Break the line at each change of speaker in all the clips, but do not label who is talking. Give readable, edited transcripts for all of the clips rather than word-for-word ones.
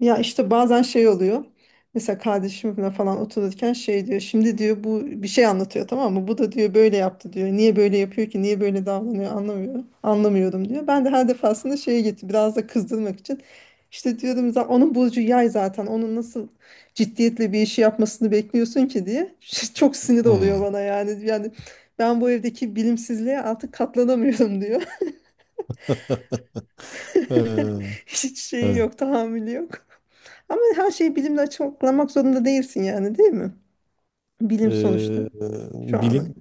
Ya işte bazen oluyor. Mesela kardeşimle falan otururken diyor. Şimdi diyor bu bir şey anlatıyor, tamam mı? Bu da diyor böyle yaptı diyor. Niye böyle yapıyor ki? Niye böyle davranıyor? Anlamıyorum. Anlamıyorum diyor. Ben de her defasında şeye gitti. Biraz da kızdırmak için. İşte diyorum, " onun burcu yay zaten. Onun nasıl ciddiyetle bir işi yapmasını bekliyorsun ki diye." Çok sinir oluyor
Hmm.
bana yani. Yani ben bu evdeki bilimsizliğe artık katlanamıyorum, diyor.
Ee,
Hiç şeyi
evet.
yok, tahammülü yok. Ama her şeyi bilimle açıklamak zorunda değilsin yani, değil mi? Bilim sonuçta.
Ee,
Şu an.
bilim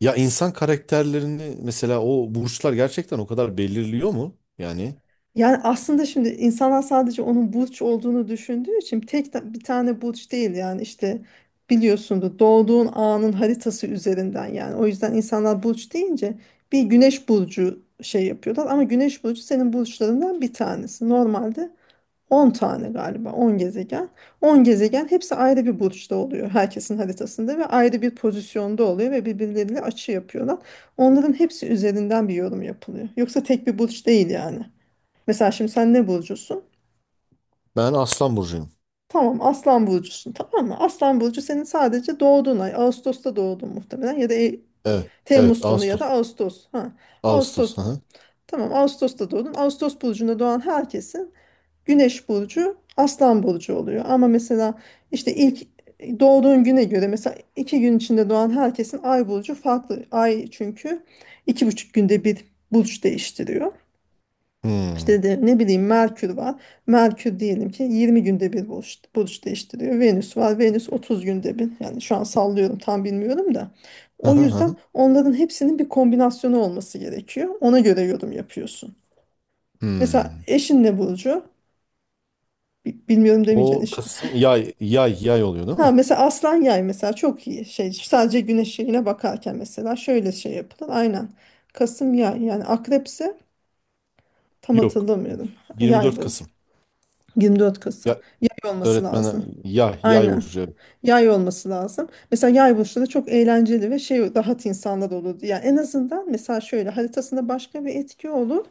ya insan karakterlerini mesela, o burçlar gerçekten o kadar belirliyor mu? Yani
Yani aslında şimdi insanlar sadece onun burç olduğunu düşündüğü için bir tane burç değil yani, işte biliyorsunuz, doğduğun anın haritası üzerinden, yani o yüzden insanlar burç deyince bir güneş burcu şey yapıyorlar, ama güneş burcu senin burçlarından bir tanesi. Normalde 10 tane galiba, 10 gezegen. 10 gezegen, hepsi ayrı bir burçta oluyor herkesin haritasında ve ayrı bir pozisyonda oluyor ve birbirleriyle açı yapıyorlar. Onların hepsi üzerinden bir yorum yapılıyor. Yoksa tek bir burç değil yani. Mesela şimdi sen ne burcusun?
ben Aslan burcuyum.
Tamam, Aslan burcusun, tamam mı? Aslan burcu senin sadece doğduğun ay. Ağustos'ta doğdun muhtemelen, ya da
Evet.
Temmuz
Evet,
sonu ya da
Ağustos.
Ağustos. Ha.
Ağustos.
Ağustos,
Hı hı.
tamam, Ağustos'ta doğdun. Ağustos burcunda doğan herkesi Güneş burcu Aslan burcu oluyor. Ama mesela işte ilk doğduğun güne göre, mesela iki gün içinde doğan herkesin ay burcu farklı. Ay çünkü iki buçuk günde bir burç değiştiriyor.
Hmm.
İşte de, ne bileyim, Merkür var. Merkür diyelim ki 20 günde bir burç değiştiriyor. Venüs var. Venüs 30 günde bir. Yani şu an sallıyorum, tam bilmiyorum da.
Hı
O
hı hı.
yüzden onların hepsinin bir kombinasyonu olması gerekiyor. Ona göre yorum yapıyorsun. Mesela
Hmm.
eşin ne burcu? Bilmiyorum
O
demeyeceksin.
Kasım, yay oluyor değil
Ha,
mi?
mesela aslan yay, mesela çok iyi şey, sadece güneş yayına bakarken mesela şöyle şey yapılır. Aynen, Kasım yay, yani akrepse tam
Yok.
hatırlamıyorum, yay
24
bu,
Kasım.
24 Kasım,
Ya
yay olması
öğretmen,
lazım.
yay
Aynen,
burcu. Evet.
yay olması lazım. Mesela yay burçları çok eğlenceli ve şey, rahat insanlar olur yani. En azından, mesela şöyle, haritasında başka bir etki olur,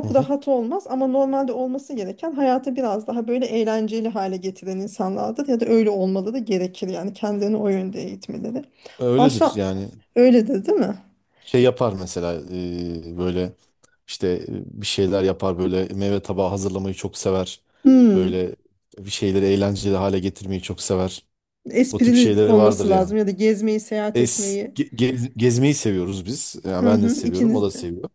Hı hı.
rahat olmaz, ama normalde olması gereken, hayatı biraz daha böyle eğlenceli hale getiren insanlardır, ya da öyle olmaları gerekir yani, kendini o yönde eğitmeleri.
Öyledir
Aşağı
yani.
öyledir değil mi?
Şey yapar mesela, böyle işte, bir şeyler yapar, böyle meyve tabağı hazırlamayı çok sever.
Hmm.
Böyle bir şeyleri eğlenceli hale getirmeyi çok sever. O tip
Esprili
şeyleri vardır
olması
yani.
lazım, ya da gezmeyi, seyahat etmeyi.
Gezmeyi seviyoruz biz. Yani
Hı
ben de
hı,
seviyorum, o
ikiniz
da
de.
seviyor.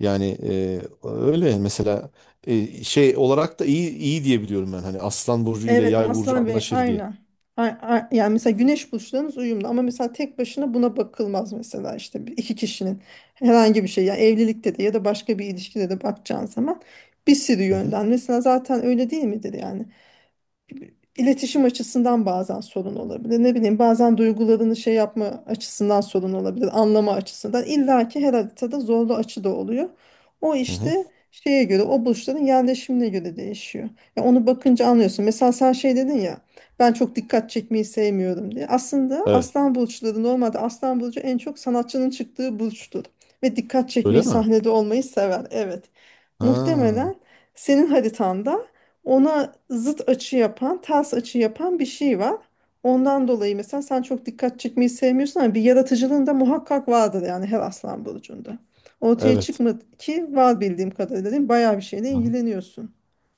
Yani, öyle yani. Mesela, şey olarak da iyi iyi diye biliyorum ben. Hani Aslan burcu ile
Evet,
Yay burcu
Aslan ve
anlaşır diye.
aynen. Yani mesela güneş burçlarınız uyumlu, ama mesela tek başına buna bakılmaz. Mesela işte iki kişinin herhangi bir şey, yani evlilikte de ya da başka bir ilişkide de bakacağın zaman bir sürü
Hı hı,
yönden, mesela zaten öyle değil midir yani. İletişim açısından bazen sorun olabilir. Ne bileyim, bazen duygularını şey yapma açısından sorun olabilir. Anlama açısından. İlla ki her haritada zorlu açı da oluyor. O
hı hı.
işte şeye göre, o burçların yerleşimine göre değişiyor. Ya onu bakınca anlıyorsun. Mesela sen şey dedin ya, ben çok dikkat çekmeyi sevmiyorum diye. Aslında
Evet.
aslan burçları normalde, aslan burcu en çok sanatçının çıktığı burçtur. Ve dikkat çekmeyi,
Öyle mi?
sahnede olmayı sever. Evet.
Ha,
Muhtemelen senin haritanda ona zıt açı yapan, ters açı yapan bir şey var. Ondan dolayı mesela sen çok dikkat çekmeyi sevmiyorsun, ama bir yaratıcılığın da muhakkak vardır yani, her aslan burcunda. Ortaya
evet.
çıkmadı ki var bildiğim kadarıyla, değil mi? Bayağı bir şeyle
Hı hı.
ilgileniyorsun.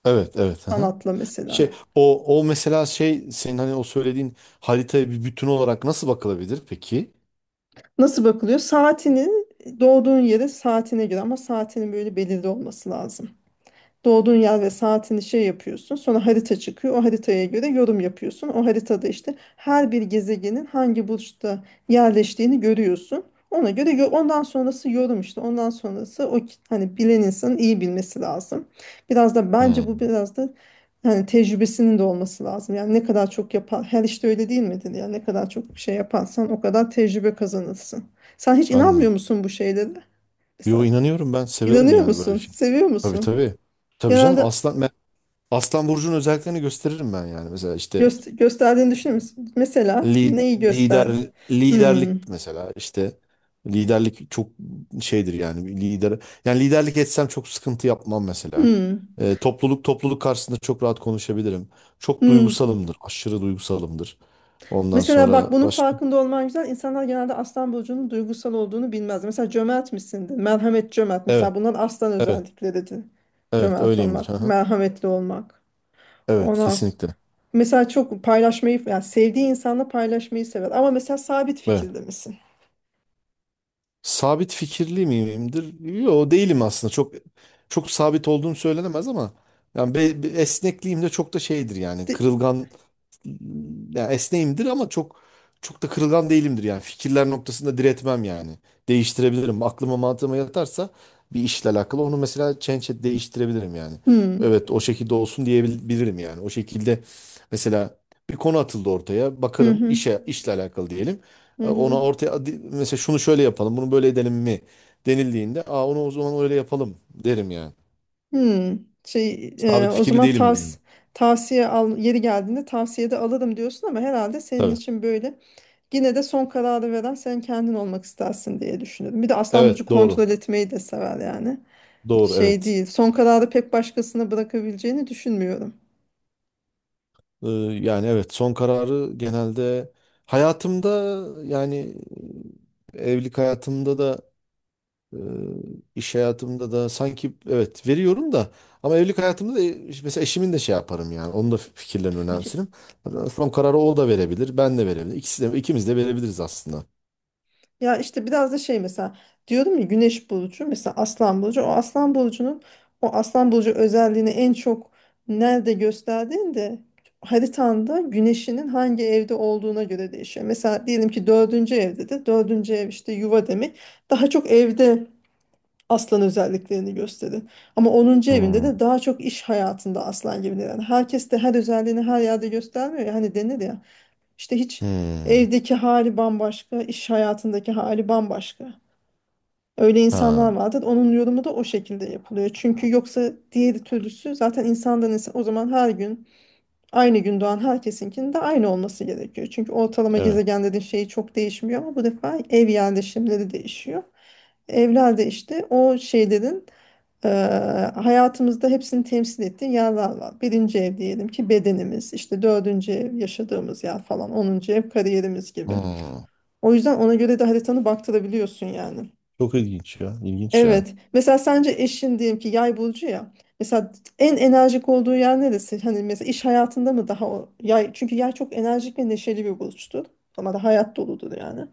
Evet, evet. Hı hı.
Sanatla
Şey,
mesela.
o mesela, şey, senin hani o söylediğin haritaya bir bütün olarak nasıl bakılabilir peki?
Nasıl bakılıyor? Saatinin, doğduğun yere, saatine göre, ama saatinin böyle belirli olması lazım. Doğduğun yer ve saatini şey yapıyorsun. Sonra harita çıkıyor. O haritaya göre yorum yapıyorsun. O haritada işte her bir gezegenin hangi burçta yerleştiğini görüyorsun. Ona göre ondan sonrası yorum işte. Ondan sonrası hani bilen insanın iyi bilmesi lazım. Biraz da bence bu
Hmm,
biraz da hani, tecrübesinin de olması lazım. Yani ne kadar çok yapar, her işte öyle değil midir? Yani ne kadar çok şey yaparsan, o kadar tecrübe kazanırsın. Sen hiç inanmıyor
anladım.
musun bu şeylere?
Yo,
Mesela
inanıyorum, ben severim
inanıyor
yani böyle
musun?
şey.
Seviyor
Tabii
musun?
tabii. Tabii canım,
Genelde.
aslan, ben Aslan burcunun özelliklerini gösteririm ben, yani mesela işte,
Göster, gösterdiğini düşünür müsün? Mesela neyi göster?
Liderlik
Hmm,
mesela, işte liderlik çok şeydir yani, bir lider, yani liderlik etsem çok sıkıntı yapmam mesela.
hmm,
Topluluk karşısında çok rahat konuşabilirim. Çok
hmm.
duygusalımdır. Aşırı duygusalımdır. Ondan
Mesela
sonra
bak, bunun
başka.
farkında olman güzel. İnsanlar genelde aslan burcunun duygusal olduğunu bilmez. Mesela cömert misindir? Merhamet, cömert. Mesela
Evet,
bundan, aslan
evet,
özellikleridir.
evet,
Cömert
öyleyimdir. Hı
olmak,
hı.
merhametli olmak.
Evet,
Ondan s-
kesinlikle.
mesela çok paylaşmayı, yani sevdiği insanla paylaşmayı sever. Ama mesela sabit
Evet.
fikirde misin?
Sabit fikirli miyimdir? Yo, değilim aslında. Çok çok sabit olduğum söylenemez, ama yani, esnekliğim de çok da şeydir yani.
Di-.
Kırılgan, yani esneğimdir ama çok çok da kırılgan değilimdir yani. Fikirler noktasında diretmem yani. Değiştirebilirim. Aklıma, mantığıma yatarsa, bir işle alakalı onu mesela, değiştirebilirim yani.
Hmm,
Evet, o şekilde olsun diyebilirim yani. O şekilde mesela, bir konu atıldı ortaya.
hı
Bakarım,
hı,
işle alakalı diyelim. E,
hı
Ona
hı.
ortaya, mesela şunu şöyle yapalım, bunu böyle edelim mi denildiğinde, aa, onu o zaman öyle yapalım derim yani.
Hmm, şey,
Sabit
o
fikirli
zaman
değilimdir yani.
tavsiye al, yeri geldiğinde tavsiye de alırım diyorsun, ama herhalde senin
Tabii.
için böyle, yine de son kararı veren sen kendin olmak istersin diye düşünüyorum. Bir de Aslan Burcu
Evet, doğru.
kontrol etmeyi de sever yani.
Doğru,
Şey
evet.
değil. Son kararı pek başkasına bırakabileceğini düşünmüyorum.
Ee, yani evet, son kararı genelde hayatımda, yani, evlilik hayatımda da, e, iş hayatımda da sanki evet veriyorum da, ama evlilik hayatımda da, mesela eşimin de şey yaparım yani, onun da fikirlerini önemserim. Son kararı o da verebilir, ben de verebilirim. İkisi de, ikimiz de verebiliriz aslında.
Ya işte biraz da şey, mesela diyorum ya, güneş burcu, mesela aslan burcu, o aslan burcunun, o aslan burcu özelliğini en çok nerede gösterdiğinde, haritanda güneşinin hangi evde olduğuna göre değişiyor. Mesela diyelim ki dördüncü evde de, dördüncü ev işte yuva demek, daha çok evde aslan özelliklerini gösterir. Ama onuncu evinde
Hmm.
de daha çok iş hayatında aslan gibi. Yani herkes de her özelliğini her yerde göstermiyor. Ya, hani denir ya işte, hiç
Hmm.
evdeki hali bambaşka, iş hayatındaki hali bambaşka. Öyle
Ha,
insanlar vardır. Onun yorumu da o şekilde yapılıyor. Çünkü yoksa diğer türlüsü zaten insandan insan, o zaman her gün, aynı gün doğan herkesinkinin de aynı olması gerekiyor. Çünkü ortalama
evet.
gezegenlerin şeyi çok değişmiyor, ama bu defa ev yerleşimleri değişiyor. Evlerde işte o şeylerin, ee, hayatımızda hepsini temsil ettiği yerler var. Birinci ev diyelim ki bedenimiz, işte dördüncü ev yaşadığımız yer falan, onuncu ev kariyerimiz gibi.
Hmm.
O yüzden ona göre de haritanı baktırabiliyorsun yani.
Çok ilginç ya. İlginç ya.
Evet. Mesela sence eşin diyelim ki yay burcu ya. Mesela en enerjik olduğu yer neresi? Hani mesela iş hayatında mı daha o yay? Çünkü yay çok enerjik ve neşeli bir burçtur. Ama da hayat doludur yani.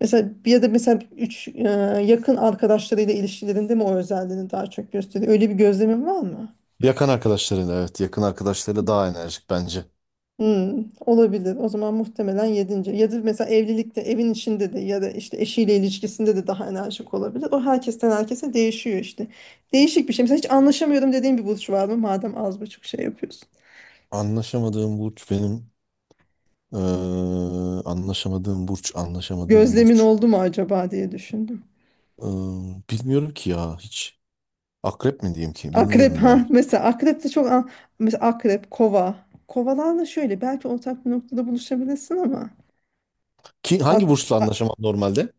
Mesela bir de mesela yakın arkadaşlarıyla ilişkilerinde mi o özelliğini daha çok gösteriyor? Öyle bir gözlemin var mı?
Yakın arkadaşlarıyla, evet. Yakın arkadaşlarıyla daha enerjik bence.
Hmm, olabilir. O zaman muhtemelen yedinci. Ya da mesela evlilikte, evin içinde de, ya da işte eşiyle ilişkisinde de daha enerjik olabilir. O herkesten herkese değişiyor işte. Değişik bir şey. Mesela hiç anlaşamıyorum dediğin bir burç var mı? Madem az buçuk şey yapıyorsun.
Anlaşamadığım burç benim. Ee, anlaşamadığım burç, anlaşamadığım
Gözlemin
burç.
oldu mu acaba diye düşündüm.
Ee, bilmiyorum ki ya hiç. Akrep mi diyeyim ki?
Akrep,
Bilmiyorum ya.
ha mesela akrep de çok mesela akrep, kova. Kovalarla şöyle belki ortak bir noktada buluşabilirsin, ama
Ki hangi burçla
ak-
anlaşamam normalde?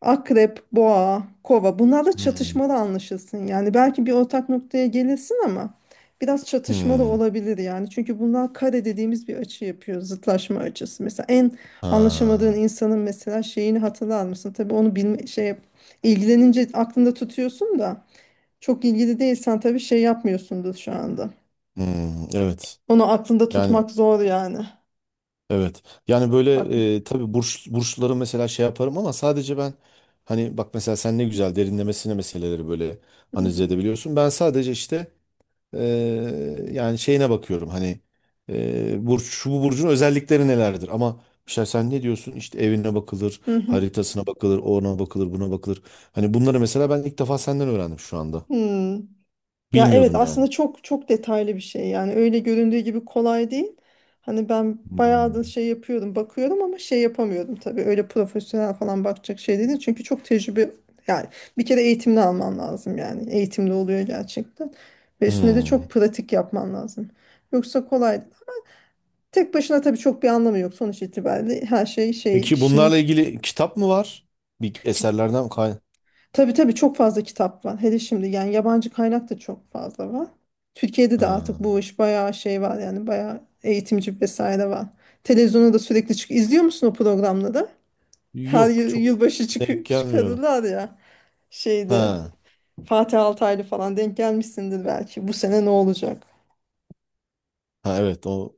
Akrep, boğa, kova, bunlarla
Hmm.
çatışmalı anlaşılsın. Yani belki bir ortak noktaya gelirsin, ama biraz çatışmalı
Hmm.
olabilir yani. Çünkü bunlar kare dediğimiz bir açı yapıyor. Zıtlaşma açısı. Mesela en anlaşamadığın
Ha.
insanın mesela şeyini hatırlar mısın? Tabii onu bilme, şey, ilgilenince aklında tutuyorsun da, çok ilgili değilsen tabii şey yapmıyorsundur şu anda.
Hmm. Evet.
Onu aklında
Yani
tutmak zor yani.
evet. Yani böyle,
Bakma.
tabii burçları mesela şey yaparım, ama sadece ben, hani bak, mesela sen ne güzel derinlemesine meseleleri böyle
Hı
analiz
hı.
edebiliyorsun. Ben sadece işte, yani şeyine bakıyorum hani, burç, şu bu burcun özellikleri nelerdir, ama mesela sen ne diyorsun, işte evine bakılır,
Hı hı.
haritasına bakılır, ona bakılır, buna bakılır. Hani bunları mesela ben ilk defa senden öğrendim şu anda,
Hmm. Ya evet,
bilmiyordum yani.
aslında çok çok detaylı bir şey yani, öyle göründüğü gibi kolay değil. Hani ben bayağı
Hmm.
da şey yapıyordum, bakıyorum, ama şey yapamıyordum tabii, öyle profesyonel falan bakacak şey değil çünkü çok tecrübe, yani bir kere eğitimli alman lazım, yani eğitimli oluyor gerçekten, ve üstüne de
Hmm.
çok pratik yapman lazım. Yoksa kolay, tek başına tabii çok bir anlamı yok, sonuç itibariyle her şey şey,
Peki
kişinin.
bunlarla ilgili kitap mı var? Bir eserlerden kay.
Tabii tabii, çok fazla kitap var. Hele şimdi, yani yabancı kaynak da çok fazla var. Türkiye'de de artık
Ha.
bu iş bayağı şey var yani, bayağı eğitimci vesaire var. Televizyonda da sürekli çık. İzliyor musun o programları? Her
Yok,
yıl
çok
yılbaşı
denk
çık,
gelmiyor.
çıkarırlar ya. Şeyde,
Ha.
Fatih Altaylı falan denk gelmişsindir belki. Bu sene ne olacak?
Ha, evet, o.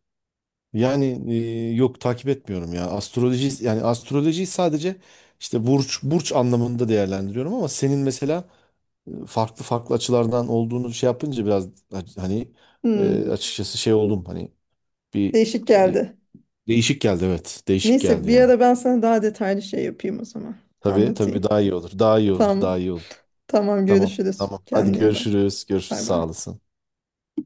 Yani, yok, takip etmiyorum ya. Astroloji, yani astrolojiyi sadece işte burç burç anlamında değerlendiriyorum, ama senin mesela, farklı farklı açılardan olduğunu şey yapınca, biraz hani,
Hmm,
açıkçası şey oldum, hani bir,
değişik
e,
geldi.
değişik geldi. Evet. Değişik
Neyse,
geldi
bir
yani.
ara ben sana daha detaylı şey yapayım o zaman.
Tabii tabii,
Anlatayım.
daha iyi olur. Daha iyi olur.
Tamam.
Daha iyi olur.
Tamam,
Tamam.
görüşürüz.
Tamam. Hadi
Kendine iyi bak.
görüşürüz. Görüşürüz.
Bay
Sağ
bay.
olasın.